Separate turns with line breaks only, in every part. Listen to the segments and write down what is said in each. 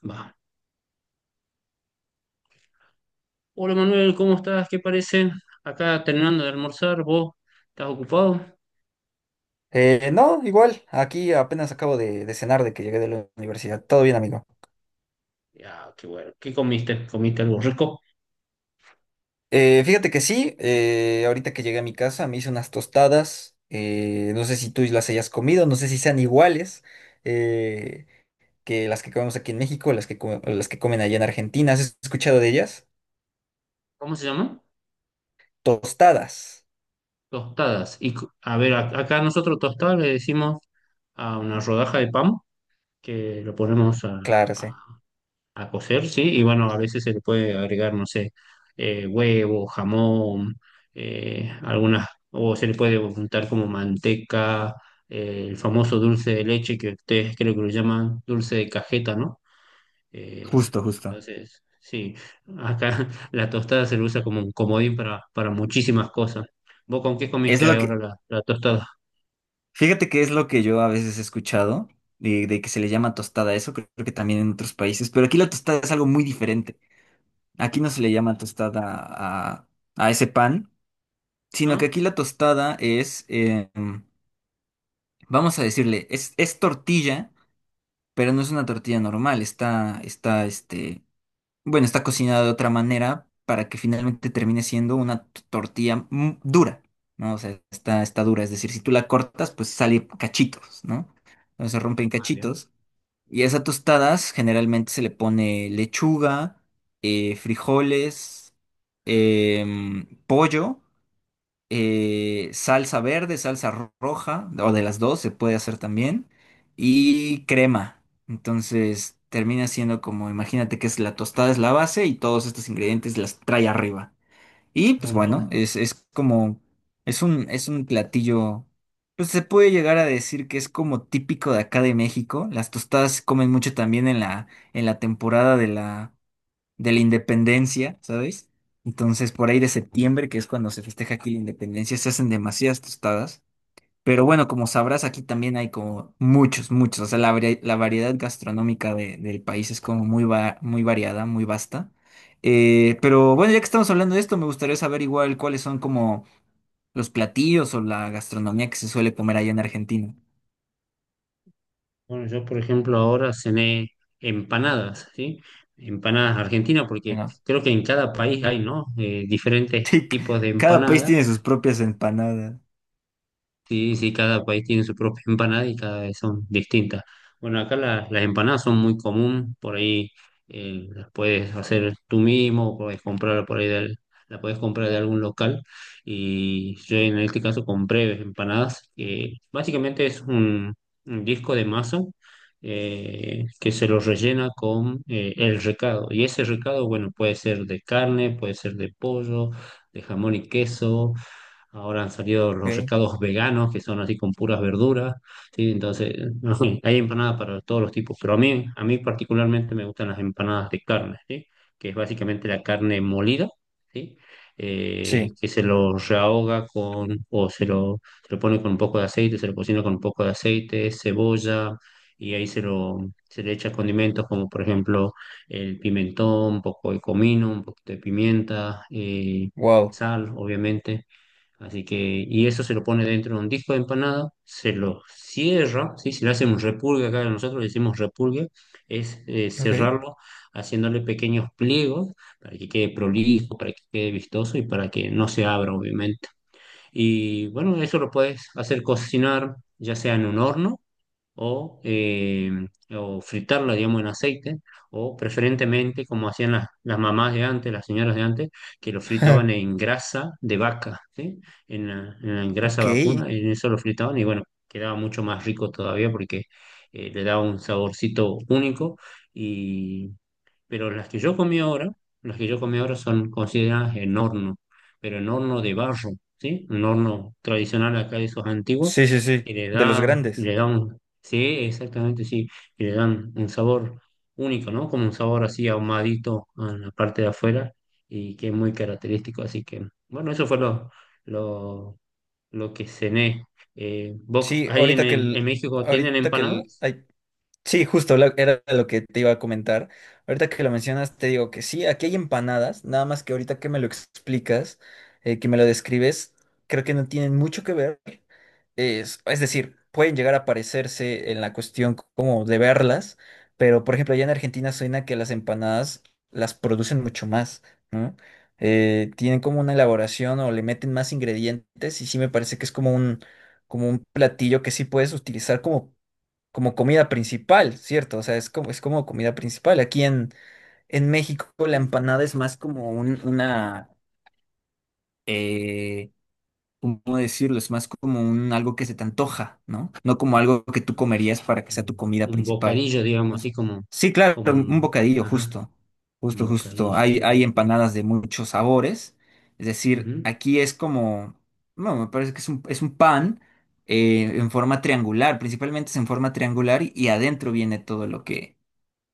Va. Hola Manuel, ¿cómo estás? ¿Qué parece? Acá terminando de almorzar, ¿vos estás ocupado?
No, igual, aquí apenas acabo de cenar de que llegué de la universidad. Todo bien, amigo.
Ya, qué bueno. ¿Qué comiste? ¿Comiste algo rico?
Fíjate que sí, ahorita que llegué a mi casa me hice unas tostadas. No sé si tú las hayas comido, no sé si sean iguales eh, que las que comemos aquí en México, las que comen allá en Argentina. ¿Has escuchado de ellas?
¿Cómo se llama?
Tostadas.
Tostadas. Y co- a ver, ac- acá nosotros tostadas le decimos a una rodaja de pan que lo ponemos a,
Claro, sí.
A cocer, sí, y bueno, a veces se le puede agregar, no sé, huevo, jamón, algunas, o se le puede untar como manteca, el famoso dulce de leche que ustedes creo que lo llaman dulce de cajeta, ¿no? Eh,
Justo, justo.
entonces, sí, acá la tostada se lo usa como un comodín para muchísimas cosas. ¿Vos con qué
Es
comiste
lo
ahora
que,
la tostada?
Fíjate que es lo que yo a veces he escuchado, de que se le llama tostada a eso, creo que también en otros países, pero aquí la tostada es algo muy diferente. Aquí no se le llama tostada a, a ese pan, sino que
¿Ah?
aquí la tostada es, vamos a decirle, es tortilla, pero no es una tortilla normal, está, está cocinada de otra manera para que finalmente termine siendo una tortilla dura, ¿no? O sea, está dura, es decir, si tú la cortas, pues sale cachitos, ¿no? Entonces se rompen
Ah, bien,
cachitos. Y a esas tostadas generalmente se le pone lechuga, frijoles, pollo, salsa verde, salsa roja, o de las dos se puede hacer también, y crema. Entonces termina siendo como, imagínate que es la tostada es la base y todos estos ingredientes las trae arriba. Y
un
pues bueno,
montón.
es como, es un platillo, pues se puede llegar a decir que es como típico de acá de México. Las tostadas se comen mucho también en la temporada de la independencia, ¿sabes? Entonces, por ahí de septiembre, que es cuando se festeja aquí la independencia, se hacen demasiadas tostadas. Pero bueno, como sabrás, aquí también hay como muchos, muchos. O sea, la variedad gastronómica del país es como muy, muy variada, muy vasta. Pero bueno, ya que estamos hablando de esto, me gustaría saber igual cuáles son como los platillos o la gastronomía que se suele comer allá en Argentina.
Bueno, yo por ejemplo ahora cené empanadas, ¿sí? Empanadas argentinas, porque
Bueno,
creo que en cada país hay, ¿no? Diferentes
sí,
tipos de
cada país
empanadas.
tiene sus propias empanadas.
Sí, sí, cada país tiene su propia empanada y cada vez son distintas. Bueno, acá la- las empanadas son muy común, por ahí las puedes hacer tú mismo, puedes comprar por ahí del, la puedes comprar de algún local. Y yo en este caso compré empanadas, que básicamente es un disco de masa que se lo rellena con el recado. Y ese recado, bueno, puede ser de carne, puede ser de pollo, de jamón y queso. Ahora han salido los
Okay.
recados veganos que son así con puras verduras, ¿sí? Entonces, no sé, hay empanadas para todos los tipos, pero a mí particularmente me gustan las empanadas de carne, ¿sí? Que es básicamente la carne molida, ¿sí?
Sí.
Que se lo rehoga con, o se lo pone con un poco de aceite, se lo cocina con un poco de aceite, cebolla, y ahí se le echa condimentos como por ejemplo el pimentón, un poco de comino, un poquito de pimienta,
Wow.
sal, obviamente. Así que, y eso se lo pone dentro de un disco de empanada, se lo cierra, ¿sí? Si le hacen un repulgue, acá nosotros le decimos repulgue, es
Ok.
cerrarlo haciéndole pequeños pliegos para que quede prolijo, para que quede vistoso y para que no se abra, obviamente. Y bueno, eso lo puedes hacer cocinar ya sea en un horno o, eh, o fritarla, digamos, en aceite, o preferentemente, como hacían las mamás de antes, las señoras de antes, que lo fritaban en grasa de vaca, ¿sí? En en la grasa
Ok.
vacuna,
Sí,
en eso lo fritaban y bueno, quedaba mucho más rico todavía porque le daba un saborcito único. Pero las que yo comí ahora, las que yo comí ahora son consideradas en horno, pero en horno de barro, ¿sí? Un horno tradicional acá de esos antiguos,
sí,
que
sí, de los grandes.
le da un, sí, exactamente, sí, y le dan un sabor único, ¿no? Como un sabor así ahumadito en la parte de afuera y que es muy característico, así que, bueno, eso fue lo, lo que cené. ¿Vos
Sí,
ahí en México tienen
ahorita que el,
empanadas?
ay, sí, era lo que te iba a comentar. Ahorita que lo mencionas, te digo que sí, aquí hay empanadas, nada más que ahorita que me lo explicas, que me lo describes, creo que no tienen mucho que ver. Es decir, pueden llegar a parecerse en la cuestión como de verlas, pero por ejemplo, allá en Argentina suena que las empanadas las producen mucho más, ¿no? Tienen como una elaboración o le meten más ingredientes y sí me parece que es como un platillo que sí puedes utilizar como como comida principal, ¿cierto? O sea, es como comida principal. En México la empanada es más como una, eh, ¿cómo decirlo? Es más como un algo que se te antoja, ¿no? No como algo que tú comerías para que sea tu
un
comida
un
principal.
bocadillo, digamos, así
Entonces,
como,
sí, claro,
como
un
un,
bocadillo,
ajá,
justo,
un
justo, justo.
bocadillo,
Hay
claro, claro.
empanadas de muchos sabores. Es decir,
Ujú,
aquí es como, no, me parece que es un pan en forma triangular, principalmente es en forma triangular y adentro viene todo lo que,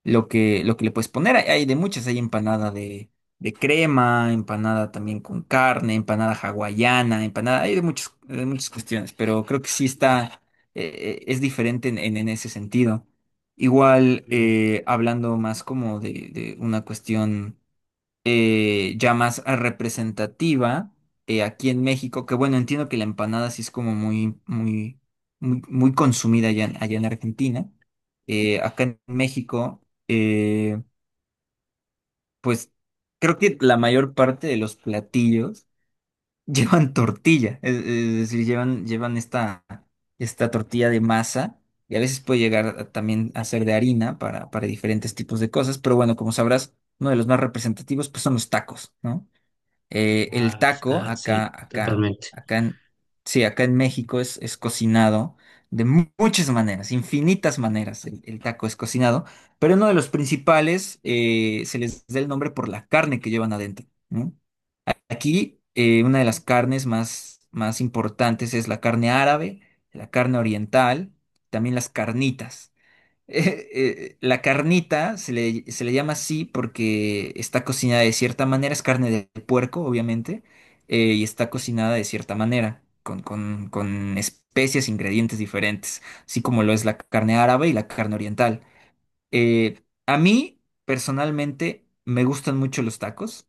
lo que le puedes poner. Hay hay de muchas, hay empanada de crema, empanada también con carne, empanada hawaiana, empanada, hay de muchas cuestiones, pero creo que sí está, es diferente en ese sentido. Igual,
claro,
hablando más como de una cuestión ya más representativa aquí en México, que bueno, entiendo que la empanada sí es como muy, muy, muy, muy consumida allá, en allá en Argentina. Acá en México, eh, pues creo que la mayor parte de los platillos llevan tortilla, es decir, llevan, llevan esta, esta tortilla de masa. Y a veces puede llegar también a ser de harina para diferentes tipos de cosas, pero bueno, como sabrás, uno de los más representativos pues son los tacos, ¿no? Eh, el
claro,
taco,
claro,
acá,
sí,
acá,
totalmente.
acá en, sí, acá en México es cocinado de muchas maneras, infinitas maneras el taco es cocinado, pero uno de los principales se les da el nombre por la carne que llevan adentro, ¿no? Aquí una de las carnes más, más importantes es la carne árabe, la carne oriental, también las carnitas. La carnita se le llama así porque está cocinada de cierta manera, es carne de puerco, obviamente, y está cocinada de cierta manera, con especias, ingredientes diferentes, así como lo es la carne árabe y la carne oriental. A mí, personalmente, me gustan mucho los tacos.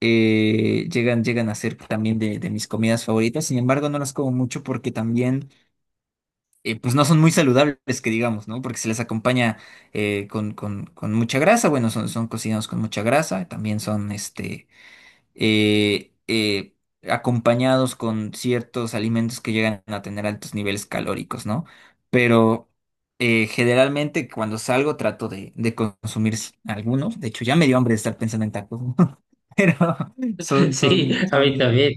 Llegan a ser también de mis comidas favoritas, sin embargo, no las como mucho porque también pues no son muy saludables, que digamos, ¿no? Porque se les acompaña con mucha grasa, bueno, son cocinados con mucha grasa, también son eh, eh, acompañados con ciertos alimentos que llegan a tener altos niveles calóricos, ¿no? Pero generalmente cuando salgo trato de consumir algunos, de hecho ya me dio hambre de estar pensando en tacos, ¿no? Pero
Sí, a mí
son,
también.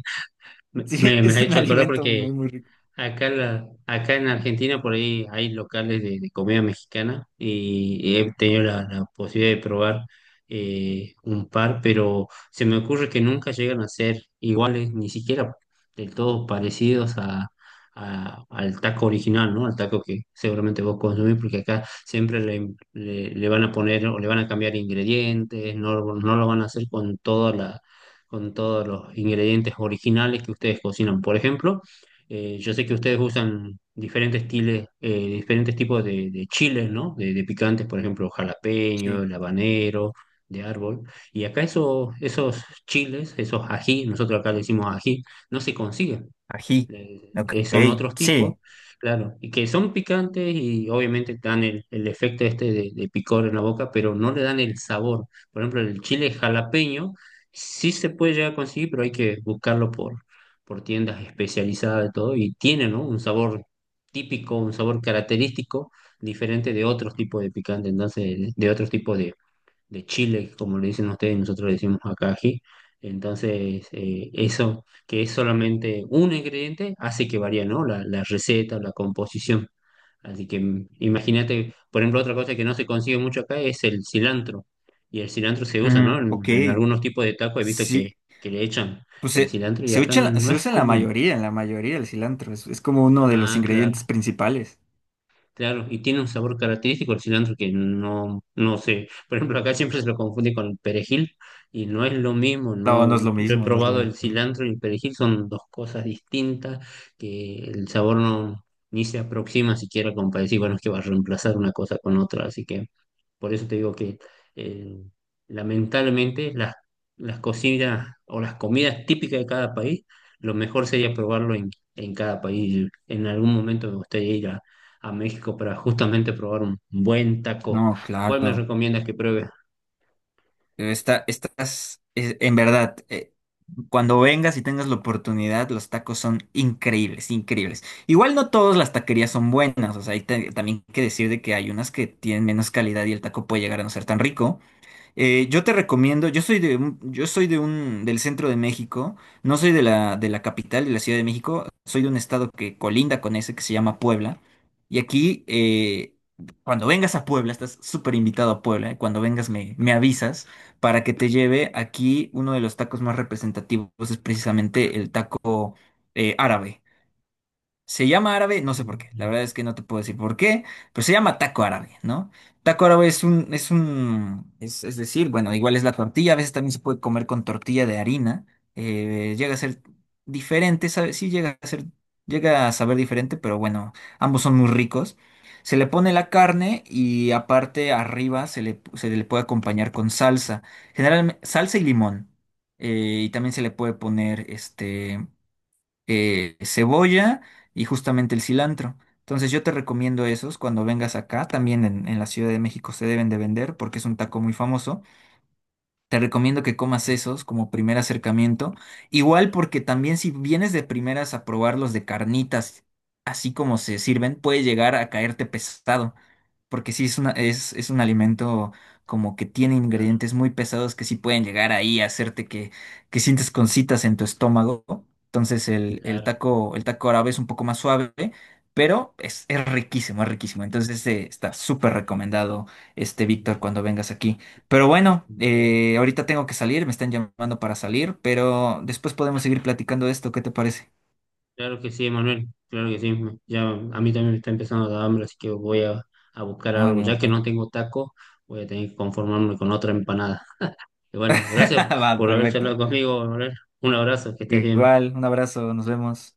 Me,
sí,
me me ha
es un
hecho acordar
alimento
porque
muy, muy rico.
acá, la, acá en Argentina por ahí hay locales de comida mexicana y he tenido la posibilidad de probar un par, pero se me ocurre que nunca llegan a ser iguales, ni siquiera del todo parecidos a- al taco original, ¿no? Al taco que seguramente vos consumís, porque acá siempre le, le- le van a poner o le van a cambiar ingredientes, no, no lo van a hacer con toda la, con todos los ingredientes originales que ustedes cocinan, por ejemplo. Yo sé que ustedes usan diferentes estiles, diferentes tipos de chiles, ¿no? De picantes, por ejemplo, jalapeño,
Sí.
el habanero, de árbol. Y acá eso- esos chiles, esos ají, nosotros acá le decimos ají, no se consiguen
Ají. Ok,
son otros tipos,
sí.
claro, y que son picantes y obviamente dan el efecto este de picor en la boca, pero no le dan el sabor. Por ejemplo, el chile jalapeño sí se puede llegar a conseguir, pero hay que buscarlo por tiendas especializadas de todo y tiene, ¿no? Un sabor típico, un sabor característico diferente de otros tipos de picante, entonces de otros tipos de chile, como le dicen ustedes, nosotros le decimos acá ají. Entonces, eso que es solamente un ingrediente hace que varía, ¿no? La receta la composición. Así que imagínate, por ejemplo, otra cosa que no se consigue mucho acá es el cilantro. Y el cilantro se usa, ¿no?
Ujú, ok,
En algunos tipos de tacos he visto
sí,
que le echan
pues
el cilantro y
se
acá
echa en
no
se
es
usa
común.
en la mayoría el cilantro, es como uno de los
Ah, claro.
ingredientes principales.
Claro, y tiene un sabor característico el cilantro que no, no sé. Por ejemplo, acá siempre se lo confunde con el perejil y no es lo mismo,
No, no
no.
es lo
Yo he
mismo, no es lo
probado el
mismo.
cilantro y el perejil, son dos cosas distintas que el sabor no ni se aproxima siquiera como para decir, bueno, es que va a reemplazar una cosa con otra, así que por eso te digo que eh, lamentablemente las cocinas o las comidas típicas de cada país, lo mejor sería probarlo en cada país. En algún momento me gustaría ir a México para justamente probar un buen
No,
taco. ¿Cuál me
claro.
recomiendas que pruebe?
En verdad, cuando vengas y tengas la oportunidad, los tacos son increíbles, increíbles. Igual no todas las taquerías son buenas, o sea, hay también que decir de que hay unas que tienen menos calidad y el taco puede llegar a no ser tan rico. Yo te recomiendo, yo soy de un, del centro de México, no soy de la capital de la Ciudad de México, soy de un estado que colinda con ese que se llama Puebla. Y aquí, cuando vengas a Puebla, estás súper invitado a Puebla, cuando vengas me avisas para que te lleve aquí uno de los tacos más representativos, es precisamente el taco árabe. Se llama árabe, no sé por qué, la
Mm,
verdad es que no te puedo decir por qué, pero se llama taco árabe, ¿no? Taco árabe es decir, bueno, igual es la tortilla, a veces también se puede comer con tortilla de harina, llega a ser diferente, sí llega a ser, llega a saber diferente, pero bueno, ambos son muy ricos. Se le pone la carne y aparte arriba se le puede acompañar con salsa, generalmente salsa y limón, y también se le puede poner cebolla y justamente el cilantro. Entonces yo te recomiendo esos cuando vengas acá, también en la Ciudad de México se deben de vender porque es un taco muy famoso. Te recomiendo que comas esos como primer acercamiento. Igual porque también si vienes de primeras a probar los de carnitas, así como se sirven, puede llegar a caerte pesado. Porque sí es una, es un alimento como que tiene
claro,
ingredientes muy pesados que sí pueden llegar ahí a hacerte que sientes concitas en tu estómago. Entonces
claro.
el taco árabe es un poco más suave, pero es riquísimo, es riquísimo. Entonces está súper recomendado este Víctor
Mm,
cuando vengas aquí. Pero bueno,
no.
ahorita tengo que salir, me están llamando para salir, pero después podemos seguir platicando de esto, ¿qué te parece?
Claro que sí, Manuel. Claro que sí. Me- Ya a mí también me está empezando a dar hambre, así que voy a buscar
No,
algo. Ya
amigo.
que
Bueno.
no tengo taco, voy a tener que conformarme con otra empanada. Y bueno, gracias
Va,
por haber charlado
perfecto.
conmigo, Manuel. Un abrazo, que estés bien.
Igual, un abrazo, nos vemos.